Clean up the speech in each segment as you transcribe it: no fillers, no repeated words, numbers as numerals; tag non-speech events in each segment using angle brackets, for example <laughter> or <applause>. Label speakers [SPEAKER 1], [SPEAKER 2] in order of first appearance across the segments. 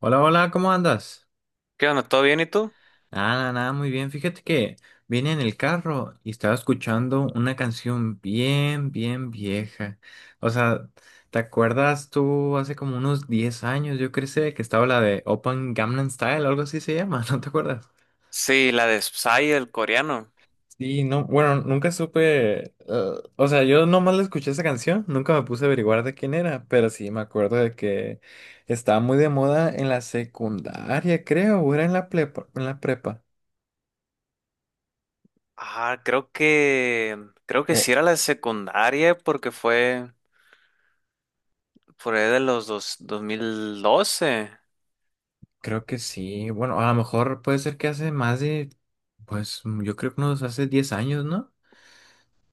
[SPEAKER 1] Hola, hola, ¿cómo andas?
[SPEAKER 2] ¿Qué onda? ¿Todo bien y tú?
[SPEAKER 1] Nada, nada, nada, muy bien. Fíjate que vine en el carro y estaba escuchando una canción bien, bien vieja. O sea, ¿te acuerdas tú hace como unos 10 años, yo crecí, que estaba la de Open Gangnam Style, algo así se llama, <laughs> ¿no te acuerdas?
[SPEAKER 2] Sí, la de Psy, el coreano.
[SPEAKER 1] Sí, no, bueno, nunca supe, o sea, yo nomás la escuché esa canción, nunca me puse a averiguar de quién era, pero sí me acuerdo de que estaba muy de moda en la secundaria, creo, o era en la en la prepa.
[SPEAKER 2] Ah, creo que sí era la de secundaria porque fue por ahí de 2012.
[SPEAKER 1] Creo que sí. Bueno, a lo mejor puede ser que hace más de, pues yo creo que unos hace 10 años, ¿no?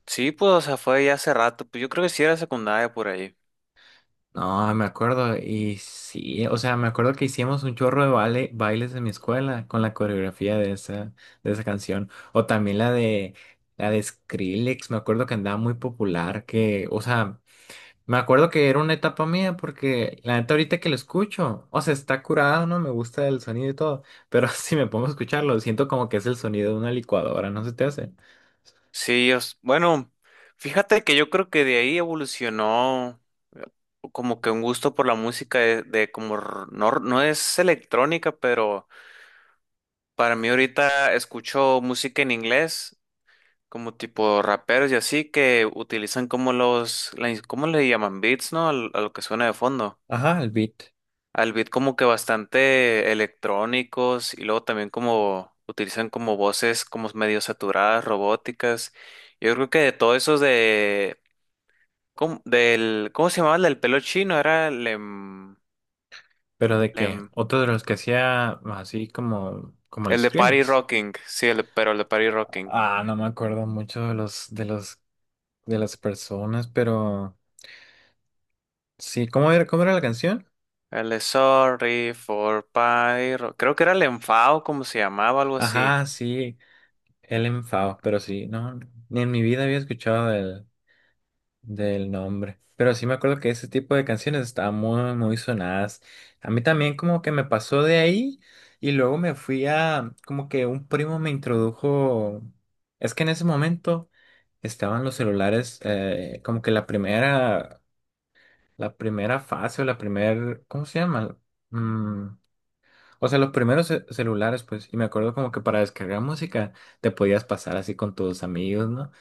[SPEAKER 2] Sí, pues o sea, fue ya hace rato, pues yo creo que sí era secundaria por ahí.
[SPEAKER 1] No, me acuerdo. Y sí, o sea, me acuerdo que hicimos un chorro de baile, bailes en mi escuela con la coreografía de esa canción. O también la de Skrillex, me acuerdo que andaba muy popular, que, o sea, me acuerdo que era una etapa mía porque la neta ahorita que lo escucho, o sea, está curado, ¿no? Me gusta el sonido y todo, pero <laughs> si me pongo a escucharlo, siento como que es el sonido de una licuadora, ¿no se te hace?
[SPEAKER 2] Sí, bueno, fíjate que yo creo que de ahí evolucionó como que un gusto por la música de como no, no es electrónica, pero para mí ahorita escucho música en inglés como tipo raperos y así que utilizan como ¿cómo le llaman? Beats, ¿no? A lo que suena de fondo.
[SPEAKER 1] Ajá, el beat.
[SPEAKER 2] Al beat como que bastante electrónicos y luego también como utilizan como voces como medio saturadas, robóticas. Yo creo que de todos esos de, ¿cómo, del, ¿cómo se llamaba el del pelo chino? Era
[SPEAKER 1] Pero de que
[SPEAKER 2] em,
[SPEAKER 1] otro de los que hacía así como, como el
[SPEAKER 2] el de Party
[SPEAKER 1] Skrillex.
[SPEAKER 2] Rocking, sí, pero el de Party Rocking.
[SPEAKER 1] Ah, no me acuerdo mucho de los, de las personas, pero sí, cómo era la canción?
[SPEAKER 2] El de Sorry for Party Rock- Creo que era el enfado, como se llamaba, algo así.
[SPEAKER 1] Ajá, sí, el enfado, pero sí, no, ni en mi vida había escuchado del nombre. Pero sí me acuerdo que ese tipo de canciones estaban muy, muy sonadas. A mí también como que me pasó de ahí y luego me fui a, como que un primo me introdujo, es que en ese momento estaban los celulares, como que la primera fase o la primer, ¿cómo se llama? Mm, o sea, los primeros celulares, pues, y me acuerdo como que para descargar música te podías pasar así con tus amigos, ¿no?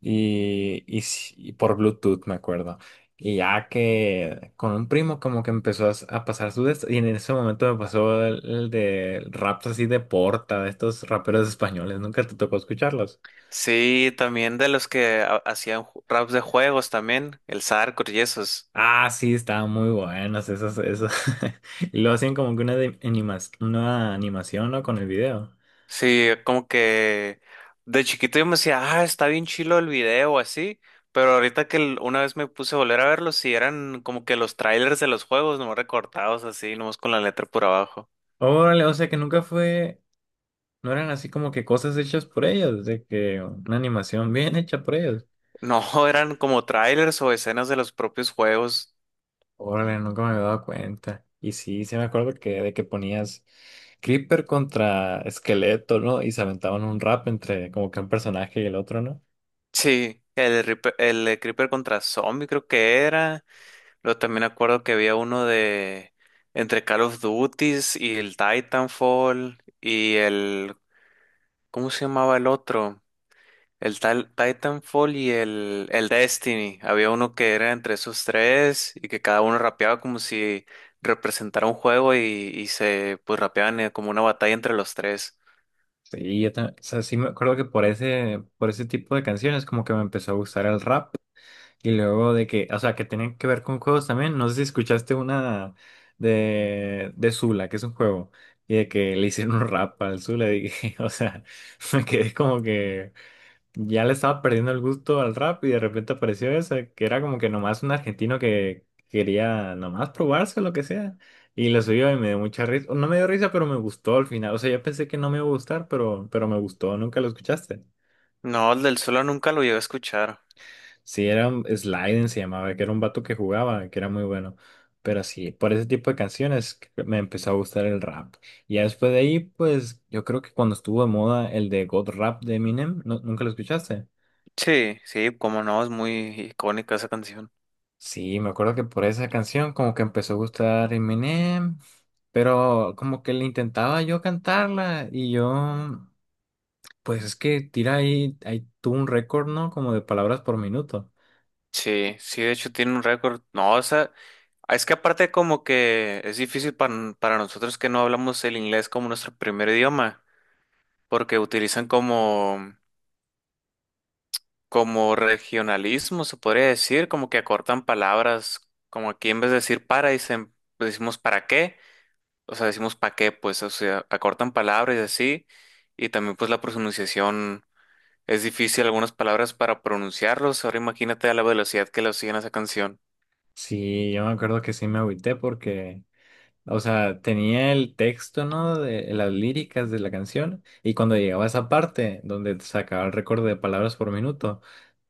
[SPEAKER 1] Sí, y por Bluetooth, me acuerdo. Y ya que con un primo como que empezó a, a pasar su de esto, y en ese momento me pasó el de raps así de Porta, de estos raperos españoles, nunca te tocó escucharlos.
[SPEAKER 2] Sí, también de los que hacían raps de juegos también, el Sarcor y esos.
[SPEAKER 1] Ah, sí, estaban muy buenas esas <laughs> y lo hacían como que una, una animación, ¿no? Con el video.
[SPEAKER 2] Sí, como que de chiquito yo me decía, ah, está bien chilo el video así, pero ahorita una vez me puse a volver a verlos, sí eran como que los trailers de los juegos, nomás recortados así, nomás con la letra por abajo.
[SPEAKER 1] Órale, o sea que nunca fue, no eran así como que cosas hechas por ellos, de que una animación bien hecha por ellos.
[SPEAKER 2] No, <laughs> eran como trailers o escenas de los propios juegos.
[SPEAKER 1] Órale, nunca me había dado cuenta. Y sí, sí me acuerdo que de que ponías Creeper contra Esqueleto, ¿no? Y se aventaban un rap entre como que un personaje y el otro, ¿no?
[SPEAKER 2] Sí, el Creeper contra Zombie creo que era. Luego también acuerdo que había uno de entre Call of Duties y el Titanfall y el, ¿cómo se llamaba el otro? El tal Titanfall y el Destiny. Había uno que era entre esos tres y que cada uno rapeaba como si representara un juego y se pues rapeaban como una batalla entre los tres.
[SPEAKER 1] Sí, yo también, o sea, sí me acuerdo que por ese tipo de canciones como que me empezó a gustar el rap. Y luego de que, o sea, que tenían que ver con juegos también. No sé si escuchaste una de Zula, que es un juego. Y de que le hicieron un rap al Zula, y dije, <laughs> o sea, me quedé como que ya le estaba perdiendo el gusto al rap y de repente apareció esa, que era como que nomás un argentino que quería nomás probarse lo que sea. Y lo subió y me dio mucha risa. No me dio risa, pero me gustó al final. O sea, yo pensé que no me iba a gustar, pero me gustó. Nunca lo escuchaste.
[SPEAKER 2] No, el del solo nunca lo llegué a escuchar.
[SPEAKER 1] Sí, era un Sliden, se llamaba, que era un vato que jugaba, que era muy bueno. Pero sí, por ese tipo de canciones que me empezó a gustar el rap. Y ya después de ahí, pues yo creo que cuando estuvo de moda el de God Rap de Eminem, ¿no? ¿Nunca lo escuchaste?
[SPEAKER 2] Sí, sí, como no, es muy icónica esa canción.
[SPEAKER 1] Sí, me acuerdo que por esa canción como que empezó a gustar Eminem, pero como que le intentaba yo cantarla y yo, pues es que tira ahí, ahí tuvo un récord, ¿no? Como de palabras por minuto.
[SPEAKER 2] Sí, sí, de hecho tiene un récord. No, o sea, es que aparte como que es difícil para, para nosotros que no hablamos el inglés como nuestro primer idioma, porque utilizan como regionalismo, se podría decir, como que acortan palabras, como aquí en vez de decir para, dicen, pues decimos para qué, o sea, decimos pa qué, pues, o sea, acortan palabras y así, y también pues la pronunciación es difícil algunas palabras para pronunciarlos, ahora imagínate a la velocidad que lo siguen a esa canción.
[SPEAKER 1] Sí, yo me acuerdo que sí me agüité porque, o sea, tenía el texto, ¿no? De las líricas de la canción. Y cuando llegaba a esa parte donde sacaba el récord de palabras por minuto,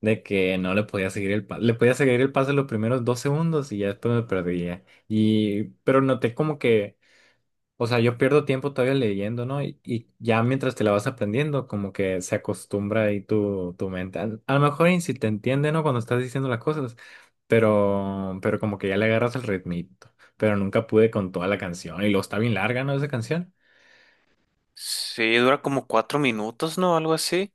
[SPEAKER 1] de que no le podía seguir el paso. Le podía seguir el paso los primeros 2 segundos y ya después me perdía. Y, pero noté como que, o sea, yo pierdo tiempo todavía leyendo, ¿no? Y ya mientras te la vas aprendiendo, como que se acostumbra ahí tu, tu mente. A lo mejor y si te entiende, ¿no? Cuando estás diciendo las cosas, pero como que ya le agarras el ritmito. Pero nunca pude con toda la canción. Y luego está bien larga, ¿no? Esa canción.
[SPEAKER 2] Sí, dura como 4 minutos, ¿no? Algo así.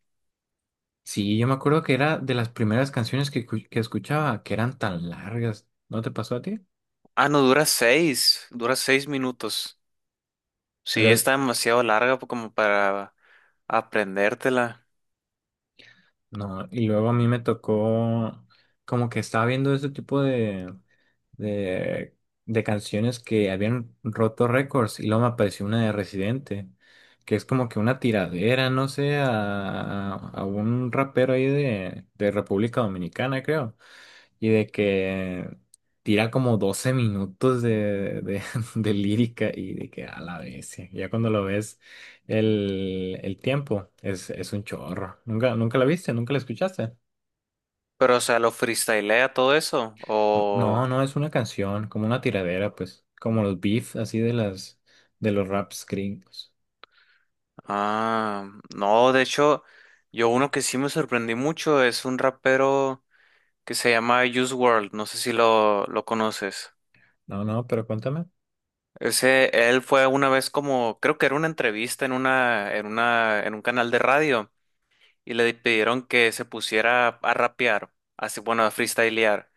[SPEAKER 1] Sí, yo me acuerdo que era de las primeras canciones que, que escuchaba, que eran tan largas. ¿No te pasó a ti?
[SPEAKER 2] Ah, no, dura 6. Dura 6 minutos. Sí,
[SPEAKER 1] Pero
[SPEAKER 2] está demasiado larga como para aprendértela.
[SPEAKER 1] no, y luego a mí me tocó como que estaba viendo ese tipo de de, de canciones que habían roto récords y luego me apareció una de Residente, que es como que una tiradera, no sé, a un rapero ahí de República Dominicana, creo, y de que tira como 12 minutos de, <laughs> de lírica y de que a la vez, ya cuando lo ves el tiempo es un chorro. ¿Nunca, nunca la viste? ¿Nunca la escuchaste?
[SPEAKER 2] Pero, o sea, ¿lo freestylea todo eso?
[SPEAKER 1] No,
[SPEAKER 2] O...
[SPEAKER 1] no, es una canción, como una tiradera, pues, como los beef, así de las, de los raps gringos.
[SPEAKER 2] Ah, no, de hecho, yo uno que sí me sorprendí mucho es un rapero que se llama Juice World. No sé si lo conoces.
[SPEAKER 1] No, no, pero cuéntame.
[SPEAKER 2] Ese, él fue una vez como, creo que era una entrevista en un canal de radio. Y le pidieron que se pusiera a rapear, así bueno, a freestylear.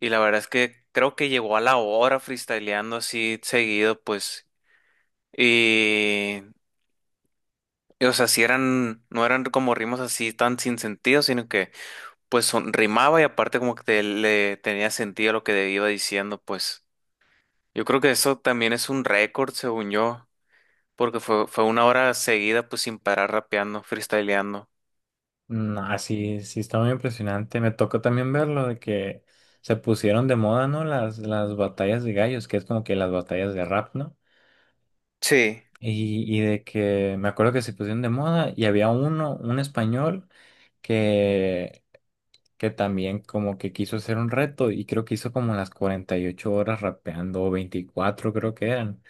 [SPEAKER 2] Y la verdad es que creo que llegó a la hora freestyleando así seguido, pues. Y, o sea, si eran, no eran como ritmos así tan sin sentido, sino que rimaba y aparte como que le tenía sentido lo que iba diciendo, pues. Yo creo que eso también es un récord, según yo, porque fue una hora seguida, pues sin parar rapeando, freestyleando.
[SPEAKER 1] No, así, sí sí está muy impresionante. Me tocó también verlo de que se pusieron de moda, ¿no? Las batallas de gallos, que es como que las batallas de rap, ¿no?
[SPEAKER 2] Sí.
[SPEAKER 1] Y de que me acuerdo que se pusieron de moda y había uno, un español, que, que también como que quiso hacer un reto y creo que hizo como las 48 horas rapeando, o 24 creo que eran.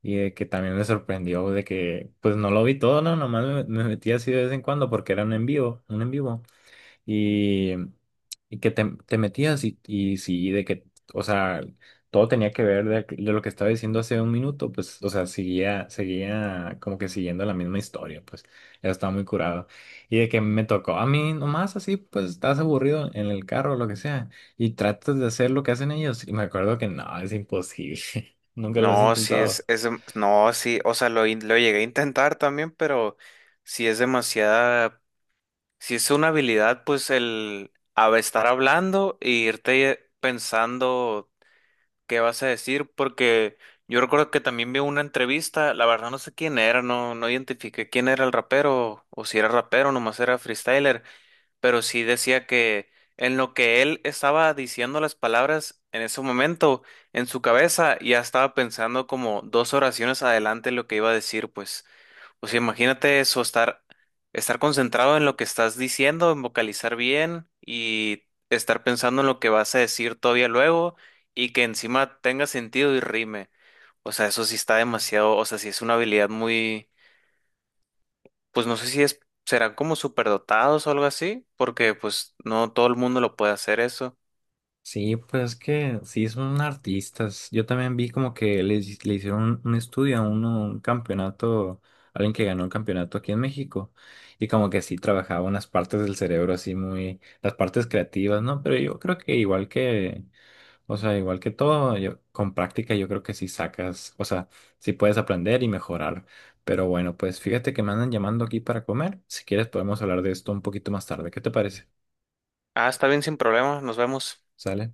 [SPEAKER 1] Y de que también me sorprendió de que, pues no lo vi todo, no, nomás me, me metí así de vez en cuando porque era un en vivo, un en vivo. Y, y que te metías y sí, de que, o sea, todo tenía que ver de lo que estaba diciendo hace un minuto, pues, o sea, seguía, seguía como que siguiendo la misma historia, pues, ya estaba muy curado. Y de que me tocó a mí nomás así, pues, estás aburrido en el carro o lo que sea, y tratas de hacer lo que hacen ellos. Y me acuerdo que no, es imposible, <laughs> nunca lo has
[SPEAKER 2] No, sí
[SPEAKER 1] intentado.
[SPEAKER 2] no, sí, o sea, lo llegué a intentar también, pero sí es demasiada, sí es una habilidad, pues estar hablando e irte pensando qué vas a decir, porque yo recuerdo que también vi una entrevista, la verdad no sé quién era, no, no identifiqué quién era el rapero, o si era rapero, nomás era freestyler, pero sí decía que en lo que él estaba diciendo las palabras en ese momento, en su cabeza ya estaba pensando como dos oraciones adelante lo que iba a decir, pues, o sea, imagínate eso, estar concentrado en lo que estás diciendo, en vocalizar bien y estar pensando en lo que vas a decir todavía luego y que encima tenga sentido y rime. O sea, eso sí está demasiado, o sea, sí es una habilidad muy, pues no sé si es, serán como superdotados o algo así, porque pues no todo el mundo lo puede hacer eso.
[SPEAKER 1] Sí, pues es que sí son artistas. Yo también vi como que le, le hicieron un estudio a uno, un campeonato, alguien que ganó un campeonato aquí en México. Y como que sí trabajaba unas partes del cerebro así muy, las partes creativas, ¿no? Pero yo creo que igual que, o sea, igual que todo, yo, con práctica yo creo que sí sacas, o sea, sí puedes aprender y mejorar. Pero bueno, pues fíjate que me andan llamando aquí para comer. Si quieres podemos hablar de esto un poquito más tarde. ¿Qué te parece?
[SPEAKER 2] Ah, está bien, sin problema, nos vemos.
[SPEAKER 1] ¿Sale?